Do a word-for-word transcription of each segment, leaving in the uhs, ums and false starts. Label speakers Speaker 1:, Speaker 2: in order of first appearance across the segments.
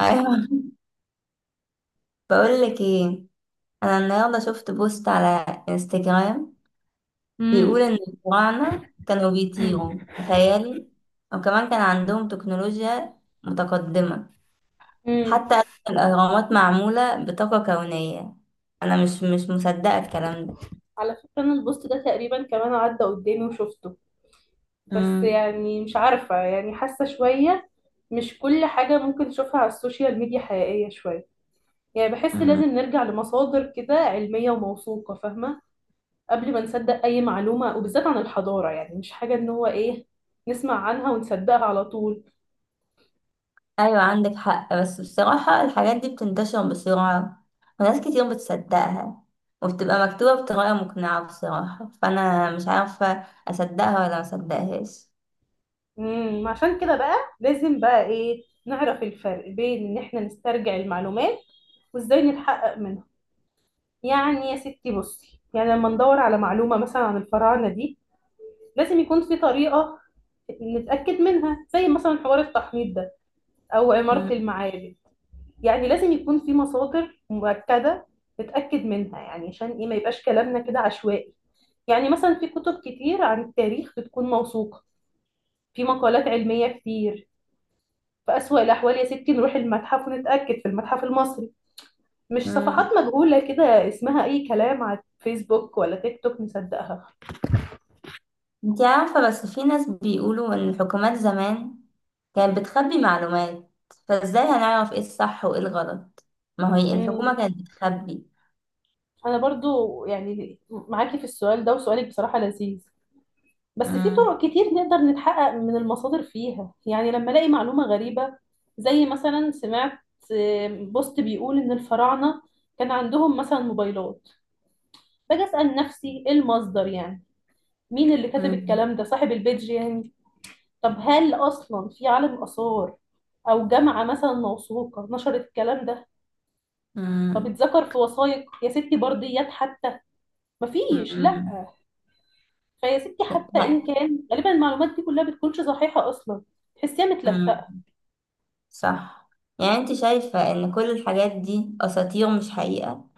Speaker 1: ايوه، بقول لك ايه. انا النهارده شفت بوست على انستجرام بيقول
Speaker 2: امم.
Speaker 1: ان الفراعنه كانوا
Speaker 2: امم.
Speaker 1: بيطيروا، تخيلي. وكمان كان عندهم تكنولوجيا متقدمه.
Speaker 2: امم.
Speaker 1: حتى أساس الاهرامات معموله بطاقه كونيه. انا مش مش مصدقه الكلام ده.
Speaker 2: على فكرة انا البوست ده تقريبا كمان عدى قدامي وشفته، بس
Speaker 1: امم.
Speaker 2: يعني مش عارفة، يعني حاسة شوية مش كل حاجة ممكن تشوفها على السوشيال ميديا حقيقية. شوية يعني بحس لازم نرجع لمصادر كده علمية وموثوقة، فاهمة، قبل ما نصدق أي معلومة وبالذات عن الحضارة، يعني مش حاجة إن هو إيه نسمع عنها ونصدقها على طول.
Speaker 1: ايوه، عندك حق، بس بصراحة الحاجات دي بتنتشر بسرعة وناس كتير بتصدقها وبتبقى مكتوبة بطريقة مقنعة، بصراحة فأنا مش عارفة أصدقها ولا مصدقهاش.
Speaker 2: امم عشان كده بقى لازم بقى إيه نعرف الفرق بين إن إحنا نسترجع المعلومات وإزاي نتحقق منها. يعني يا ستي بصي، يعني لما ندور على معلومة مثلا عن الفراعنة دي، لازم يكون في طريقة نتأكد منها، زي مثلا حوار التحنيط ده أو عمارة
Speaker 1: مم.
Speaker 2: المعابد. يعني لازم يكون في مصادر مؤكدة نتأكد منها، يعني عشان إيه ما يبقاش كلامنا كده عشوائي. يعني مثلا في كتب كتير عن التاريخ بتكون موثوقة، في مقالات علمية كتير. في أسوأ الأحوال يا ستي نروح المتحف ونتأكد في المتحف المصري، مش صفحات
Speaker 1: مم.
Speaker 2: مجهولة كده اسمها أي كلام على فيسبوك ولا تيك توك نصدقها.
Speaker 1: انتي عارفة، بس في ناس بيقولوا إن الحكومات زمان كانت بتخبي معلومات، فازاي هنعرف ايه الصح وايه الغلط؟ ما هي الحكومة
Speaker 2: مم.
Speaker 1: كانت بتخبي.
Speaker 2: انا برضو يعني معاكي في السؤال ده، وسؤالك بصراحة لذيذ. بس في
Speaker 1: مم.
Speaker 2: طرق كتير نقدر نتحقق من المصادر فيها. يعني لما الاقي معلومة غريبة زي مثلا سمعت آه، بوست بيقول ان الفراعنة كان عندهم مثلا موبايلات، باجي اسأل نفسي ايه المصدر يعني، مين اللي كتب
Speaker 1: مم.
Speaker 2: الكلام ده، صاحب البيج يعني. طب هل اصلا في عالم آثار او جامعة مثلا موثوقة نشرت الكلام ده؟ طب
Speaker 1: مم.
Speaker 2: اتذكر في وثائق يا ستي، برديات حتى، مفيش لا.
Speaker 1: مم.
Speaker 2: فيا ستي، حتى ان كان غالبا المعلومات دي كلها بتكونش صحيحه اصلا، تحسيها
Speaker 1: لا.
Speaker 2: متلفقه.
Speaker 1: صح. يعني انت شايفة ان كل الحاجات دي اساطير مش حقيقة؟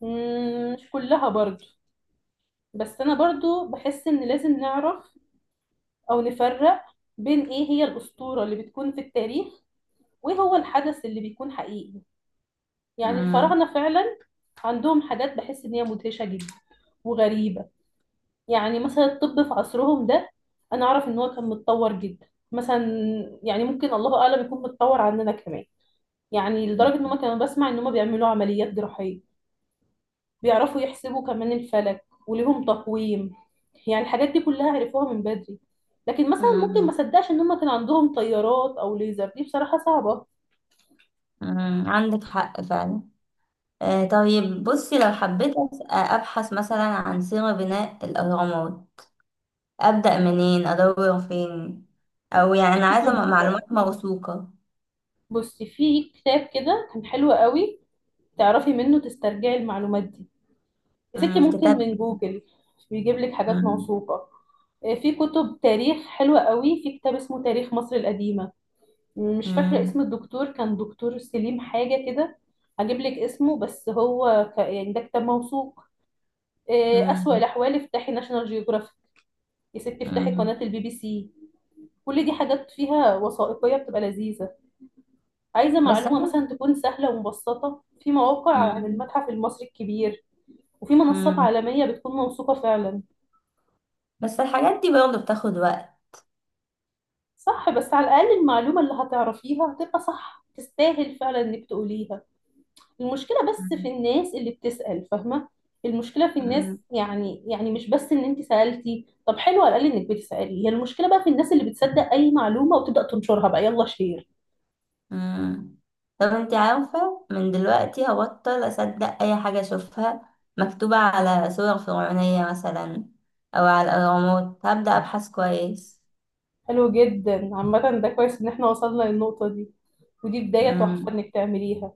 Speaker 2: مم، مش كلها برضو، بس انا برضو بحس ان لازم نعرف او نفرق بين ايه هي الاسطوره اللي بتكون في التاريخ، وايه هو الحدث اللي بيكون حقيقي. يعني
Speaker 1: مم.
Speaker 2: الفراعنه فعلا عندهم حاجات بحس ان هي مدهشه جدا وغريبه. يعني مثلا الطب في عصرهم ده، انا اعرف ان هو كان متطور جدا مثلا، يعني ممكن الله اعلم يكون متطور عننا كمان. يعني لدرجة ان
Speaker 1: مم.
Speaker 2: هم كانوا بسمع ان هم بيعملوا عمليات جراحية، بيعرفوا يحسبوا كمان الفلك وليهم تقويم. يعني الحاجات دي كلها عرفوها من بدري. لكن مثلا ممكن ما
Speaker 1: مم.
Speaker 2: صدقش ان هم كان عندهم طيارات او ليزر، دي بصراحة صعبة.
Speaker 1: مم. عندك حق فعلا. آه طيب، بصي لو حبيت أس- آه، ابحث مثلا عن سيرة بناء الاهرامات، ابدأ منين؟ ادور فين؟ او يعني
Speaker 2: في
Speaker 1: انا عايزة
Speaker 2: كتب،
Speaker 1: م- معلومات موثوقة.
Speaker 2: بصي في كتاب كده كان حلو قوي تعرفي منه تسترجعي المعلومات دي. يا ستي
Speaker 1: مم.
Speaker 2: ممكن
Speaker 1: كتاب.
Speaker 2: من جوجل بيجيب لك حاجات
Speaker 1: مم.
Speaker 2: موثوقة. آه، في كتب تاريخ حلوة قوي. في كتاب اسمه تاريخ مصر القديمة، مش فاكرة اسم
Speaker 1: مم.
Speaker 2: الدكتور، كان دكتور سليم حاجة كده، هجيب لك اسمه. بس هو ك... يعني ده كتاب موثوق. إيه، أسوأ
Speaker 1: مم.
Speaker 2: الأحوال افتحي ناشونال جيوغرافيك، يا ستي افتحي
Speaker 1: مم.
Speaker 2: قناة البي بي سي. كل دي حاجات فيها وثائقية بتبقى لذيذة. عايزة
Speaker 1: بس
Speaker 2: معلومة
Speaker 1: انا.
Speaker 2: مثلا تكون سهلة ومبسطة، في مواقع عن
Speaker 1: مم.
Speaker 2: المتحف المصري الكبير وفي منصات
Speaker 1: مم.
Speaker 2: عالمية بتكون موثوقة فعلا.
Speaker 1: بس الحاجات دي برضه بتاخد وقت.
Speaker 2: صح بس على الأقل المعلومة اللي هتعرفيها هتبقى صح، تستاهل فعلا إنك تقوليها. المشكلة بس في الناس اللي بتسأل، فاهمة. المشكلة في الناس،
Speaker 1: مم.
Speaker 2: يعني يعني مش بس ان انت سألتي، طب حلو على الأقل انك بتسألي، هي المشكلة بقى في الناس اللي بتصدق اي معلومة وتبدأ تنشرها، بقى يلا شير.
Speaker 1: مم. طب انت عارفة، من دلوقتي هبطل أصدق أي حاجة أشوفها مكتوبة على صور فرعونية مثلا، أو على الأهرامات. هبدأ أبحث كويس.
Speaker 2: حلو جدا، عامة ده كويس ان احنا وصلنا للنقطة دي، ودي بداية تحفة
Speaker 1: مم.
Speaker 2: انك تعمليها.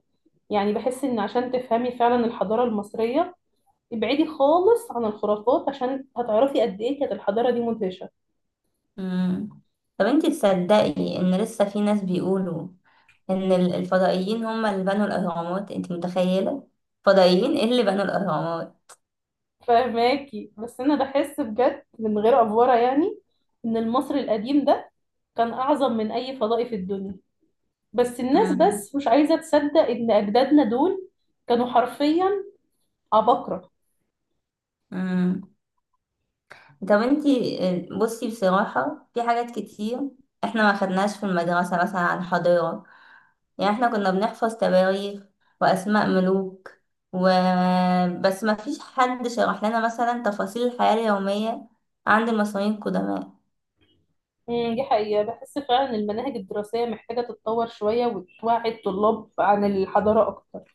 Speaker 2: يعني بحس ان عشان تفهمي فعلا الحضارة المصرية، ابعدي خالص عن الخرافات، عشان هتعرفي قد ايه كانت الحضارة دي مدهشة.
Speaker 1: مم. طب انت تصدقي إن لسه في ناس بيقولوا إن ال- الفضائيين هم اللي بنوا الأهرامات؟ انت متخيلة؟ فضائيين ايه اللي بنوا الأهرامات؟
Speaker 2: فاهماكي، بس انا بحس بجد من غير افورة يعني ان المصري القديم ده كان أعظم من أي فضائي في الدنيا. بس الناس
Speaker 1: مم.
Speaker 2: بس مش عايزة تصدق إن أجدادنا دول كانوا حرفيا عباقرة.
Speaker 1: مم. طب انت، بصي بصراحة في حاجات كتير احنا ما خدناش في المدرسة مثلا عن حضارة. يعني احنا كنا بنحفظ تواريخ وأسماء ملوك و... بس ما فيش حد شرح لنا مثلا تفاصيل الحياة اليومية عند المصريين القدماء.
Speaker 2: أمم، دي حقيقة، بحس فعلا إن المناهج الدراسية محتاجة تتطور شوية وتوعي الطلاب عن الحضارة أكتر.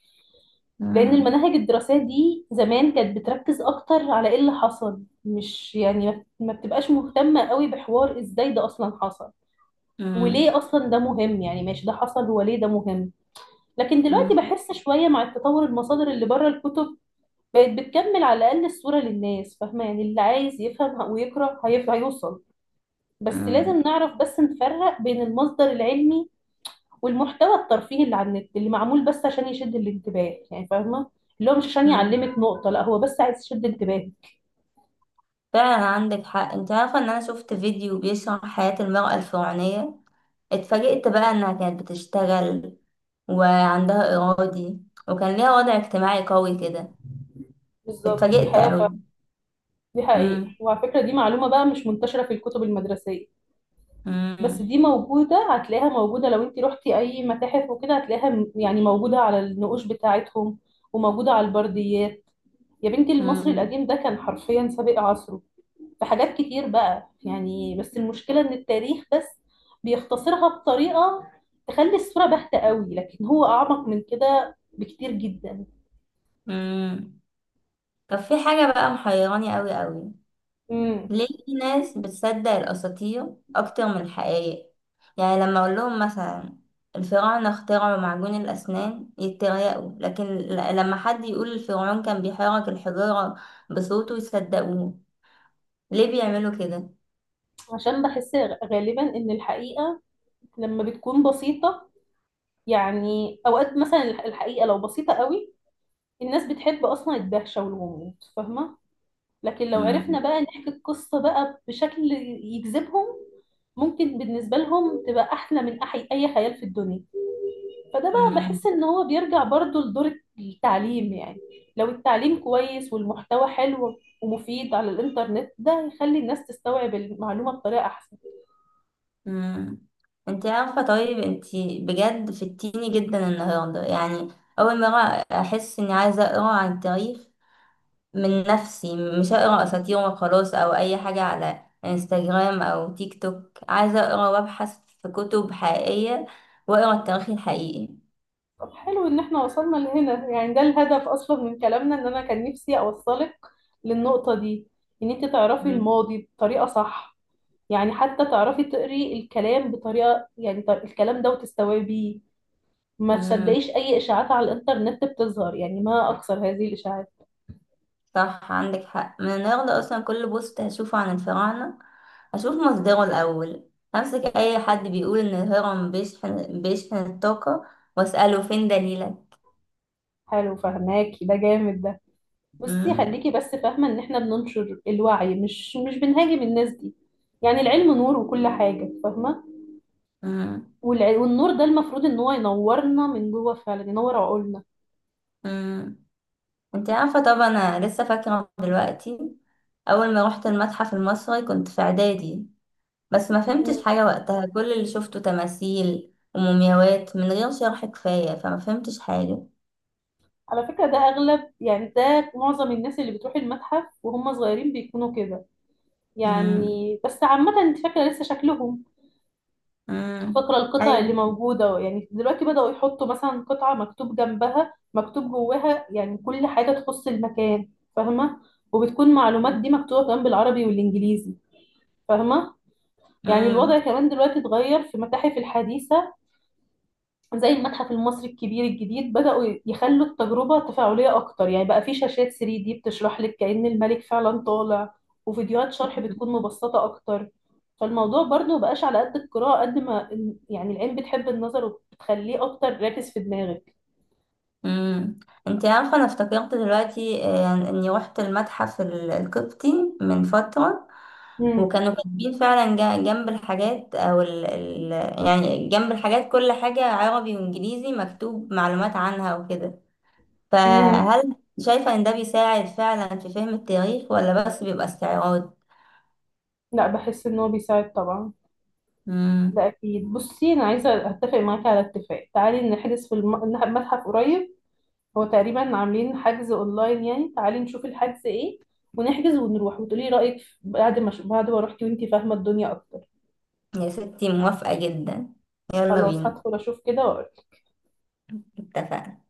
Speaker 2: لأن
Speaker 1: مم.
Speaker 2: المناهج الدراسية دي زمان كانت بتركز أكتر على إيه اللي حصل، مش يعني ما ما بتبقاش مهتمة قوي بحوار إزاي ده أصلا حصل
Speaker 1: مم.
Speaker 2: وليه أصلا ده مهم. يعني ماشي ده حصل وليه ده مهم؟ لكن دلوقتي
Speaker 1: مم.
Speaker 2: بحس شوية مع التطور، المصادر اللي بره الكتب بقت بتكمل على الأقل الصورة للناس، فاهمة. يعني اللي عايز يفهم ويقرأ هيف- هيوصل. بس
Speaker 1: مم.
Speaker 2: لازم نعرف بس نفرق بين المصدر العلمي والمحتوى الترفيهي اللي على النت، اللي معمول بس عشان يشد الانتباه، يعني فاهمة، اللي هو مش عشان
Speaker 1: مم.
Speaker 2: يعلمك نقطة، لا هو بس عايز يشد انتباهك.
Speaker 1: فعلا عندك حق. انت عارفة ان انا شفت فيديو بيشرح حياة المرأة الفرعونية، اتفاجئت بقى انها كانت بتشتغل وعندها إرادي وكان ليها وضع اجتماعي قوي كده.
Speaker 2: بالظبط دي
Speaker 1: اتفاجئت قوي.
Speaker 2: حقيقة ف... دي حقيقة.
Speaker 1: مم.
Speaker 2: وعلى فكرة دي معلومة بقى مش منتشرة في الكتب المدرسية، بس
Speaker 1: مم.
Speaker 2: دي موجودة، هتلاقيها موجودة لو انت رحتي أي متاحف وكده، هتلاقيها م- يعني موجودة على النقوش بتاعتهم وموجودة على البرديات. يا بنتي المصري
Speaker 1: مم.
Speaker 2: القديم ده كان حرفيا سابق عصره. في حاجات كتير بقى يعني، بس المشكلة ان التاريخ بس بيختصرها بطريقة تخلي الصورة باهتة قوي، لكن هو اعمق من كده بكتير جدا.
Speaker 1: مم. طب في حاجة بقى محيراني قوي قوي.
Speaker 2: امم.
Speaker 1: ليه في ناس بتصدق الأساطير أكتر من الحقائق؟ يعني لما أقول لهم مثلا الفراعنة اخترعوا معجون الأسنان يتريقوا، لكن ل- لما حد يقول الفرعون كان بيحرك الحجارة بصوته يصدقوه. ليه بيعملوا كده؟
Speaker 2: عشان بحس غالبا ان الحقيقة لما بتكون بسيطة، يعني اوقات مثلا الحقيقة لو بسيطة قوي، الناس بتحب اصلا الدهشة والغموض، فاهمة. لكن لو
Speaker 1: مم.
Speaker 2: عرفنا بقى نحكي القصة بقى بشكل يجذبهم، ممكن بالنسبة لهم تبقى أحلى من أحي أي خيال في الدنيا. فده بقى
Speaker 1: مم.
Speaker 2: بحس إن هو بيرجع برضو لدور التعليم. يعني لو التعليم كويس والمحتوى حلو ومفيد على الإنترنت، ده يخلي الناس تستوعب المعلومة بطريقة أحسن.
Speaker 1: مم. انت عارفة، طيب انت بجد فتيني جدا النهاردة. يعني أول مرة أحس إني عايزة أقرأ عن التاريخ من نفسي. مش هقرا اساطير وخلاص او اي حاجه على انستجرام او تيك توك. عايزه اقرا وابحث في كتب حقيقيه واقرا التاريخ الحقيقي.
Speaker 2: طب حلو إن إحنا وصلنا لهنا، يعني ده الهدف أصلا من كلامنا، إن أنا كان نفسي أوصلك للنقطة دي، إن أنت تعرفي
Speaker 1: مم.
Speaker 2: الماضي بطريقة صح. يعني حتى تعرفي تقري الكلام بطريقة يعني ط- الكلام ده وتستوعبيه، ما
Speaker 1: امم.
Speaker 2: تصدقيش أي إشاعات على الإنترنت بتظهر، يعني ما أكثر هذه الإشاعات.
Speaker 1: صح، عندك حق. من النهارده اصلا كل بوست هشوفه عن الفراعنه اشوف مصدره الاول. امسك اي حد بيقول ان الهرم بيشحن بيشحن الطاقه واساله فين دليلك.
Speaker 2: حلو فهماكي، ده جامد ده. بصي
Speaker 1: امم.
Speaker 2: خليكي بس فاهمة إن إحنا بننشر الوعي، مش مش بنهاجم الناس دي. يعني العلم نور وكل حاجة، فاهمة. والع- والنور ده المفروض إن هو ينورنا من جوه، فعلا ينور عقولنا.
Speaker 1: امم. انت عارفة طبعا، انا لسه فاكرة دلوقتي اول ما روحت المتحف المصري كنت في اعدادي، بس ما فهمتش
Speaker 2: مم.
Speaker 1: حاجة وقتها. كل اللي شفته تماثيل ومومياوات من غير شرح كفاية، فما فهمتش حاجة.
Speaker 2: على فكرة ده أغلب، يعني ده معظم الناس اللي بتروح المتحف وهم صغيرين بيكونوا كده،
Speaker 1: امم.
Speaker 2: يعني. بس عامة انت فاكرة لسه شكلهم،
Speaker 1: امم.
Speaker 2: فاكرة القطع
Speaker 1: ايوه.
Speaker 2: اللي موجودة. يعني دلوقتي بدأوا يحطوا مثلا قطعة مكتوب جنبها مكتوب جواها، يعني كل حاجة تخص المكان، فاهمة. وبتكون المعلومات دي مكتوبة كمان بالعربي والإنجليزي، فاهمة. يعني
Speaker 1: امم.
Speaker 2: الوضع كمان دلوقتي اتغير في المتاحف الحديثة، زي المتحف المصري الكبير الجديد، بدأوا يخلوا التجربة تفاعلية أكتر، يعني بقى في شاشات ثري دي بتشرح لك كأن الملك فعلا طالع، وفيديوهات شرح بتكون مبسطة أكتر. فالموضوع برضه مبقاش على قد القراءة قد ما ال- يعني العين بتحب النظر وبتخليه أكتر راكز في دماغك.
Speaker 1: امم. انت عارفه، انا افتكرت دلوقتي آه، يعني اني روحت المتحف ال- القبطي من فتره.
Speaker 2: مم.
Speaker 1: وكانوا كاتبين فعلا جا- جنب الحاجات او ال ال يعني جنب الحاجات كل حاجه عربي وانجليزي مكتوب معلومات عنها وكده.
Speaker 2: مم.
Speaker 1: فهل شايفه ان ده بيساعد فعلا في فهم التاريخ ولا بس بيبقى استعراض؟
Speaker 2: لا بحس إن هو بيساعد طبعا، ده
Speaker 1: امم.
Speaker 2: أكيد. بصي أنا عايزة أتفق معاكي على اتفاق، تعالي نحجز في الم- المتحف قريب، هو تقريبا عاملين حجز اونلاين يعني، تعالي نشوف الحجز ايه، ونحجز ونروح وتقولي رأيك بعد ما بعد ما روحتي وانتي فاهمة الدنيا اكتر.
Speaker 1: يا ستي موافقه جدا. يلا
Speaker 2: خلاص
Speaker 1: بينا.
Speaker 2: هدخل اشوف كده واقول.
Speaker 1: اتفقنا.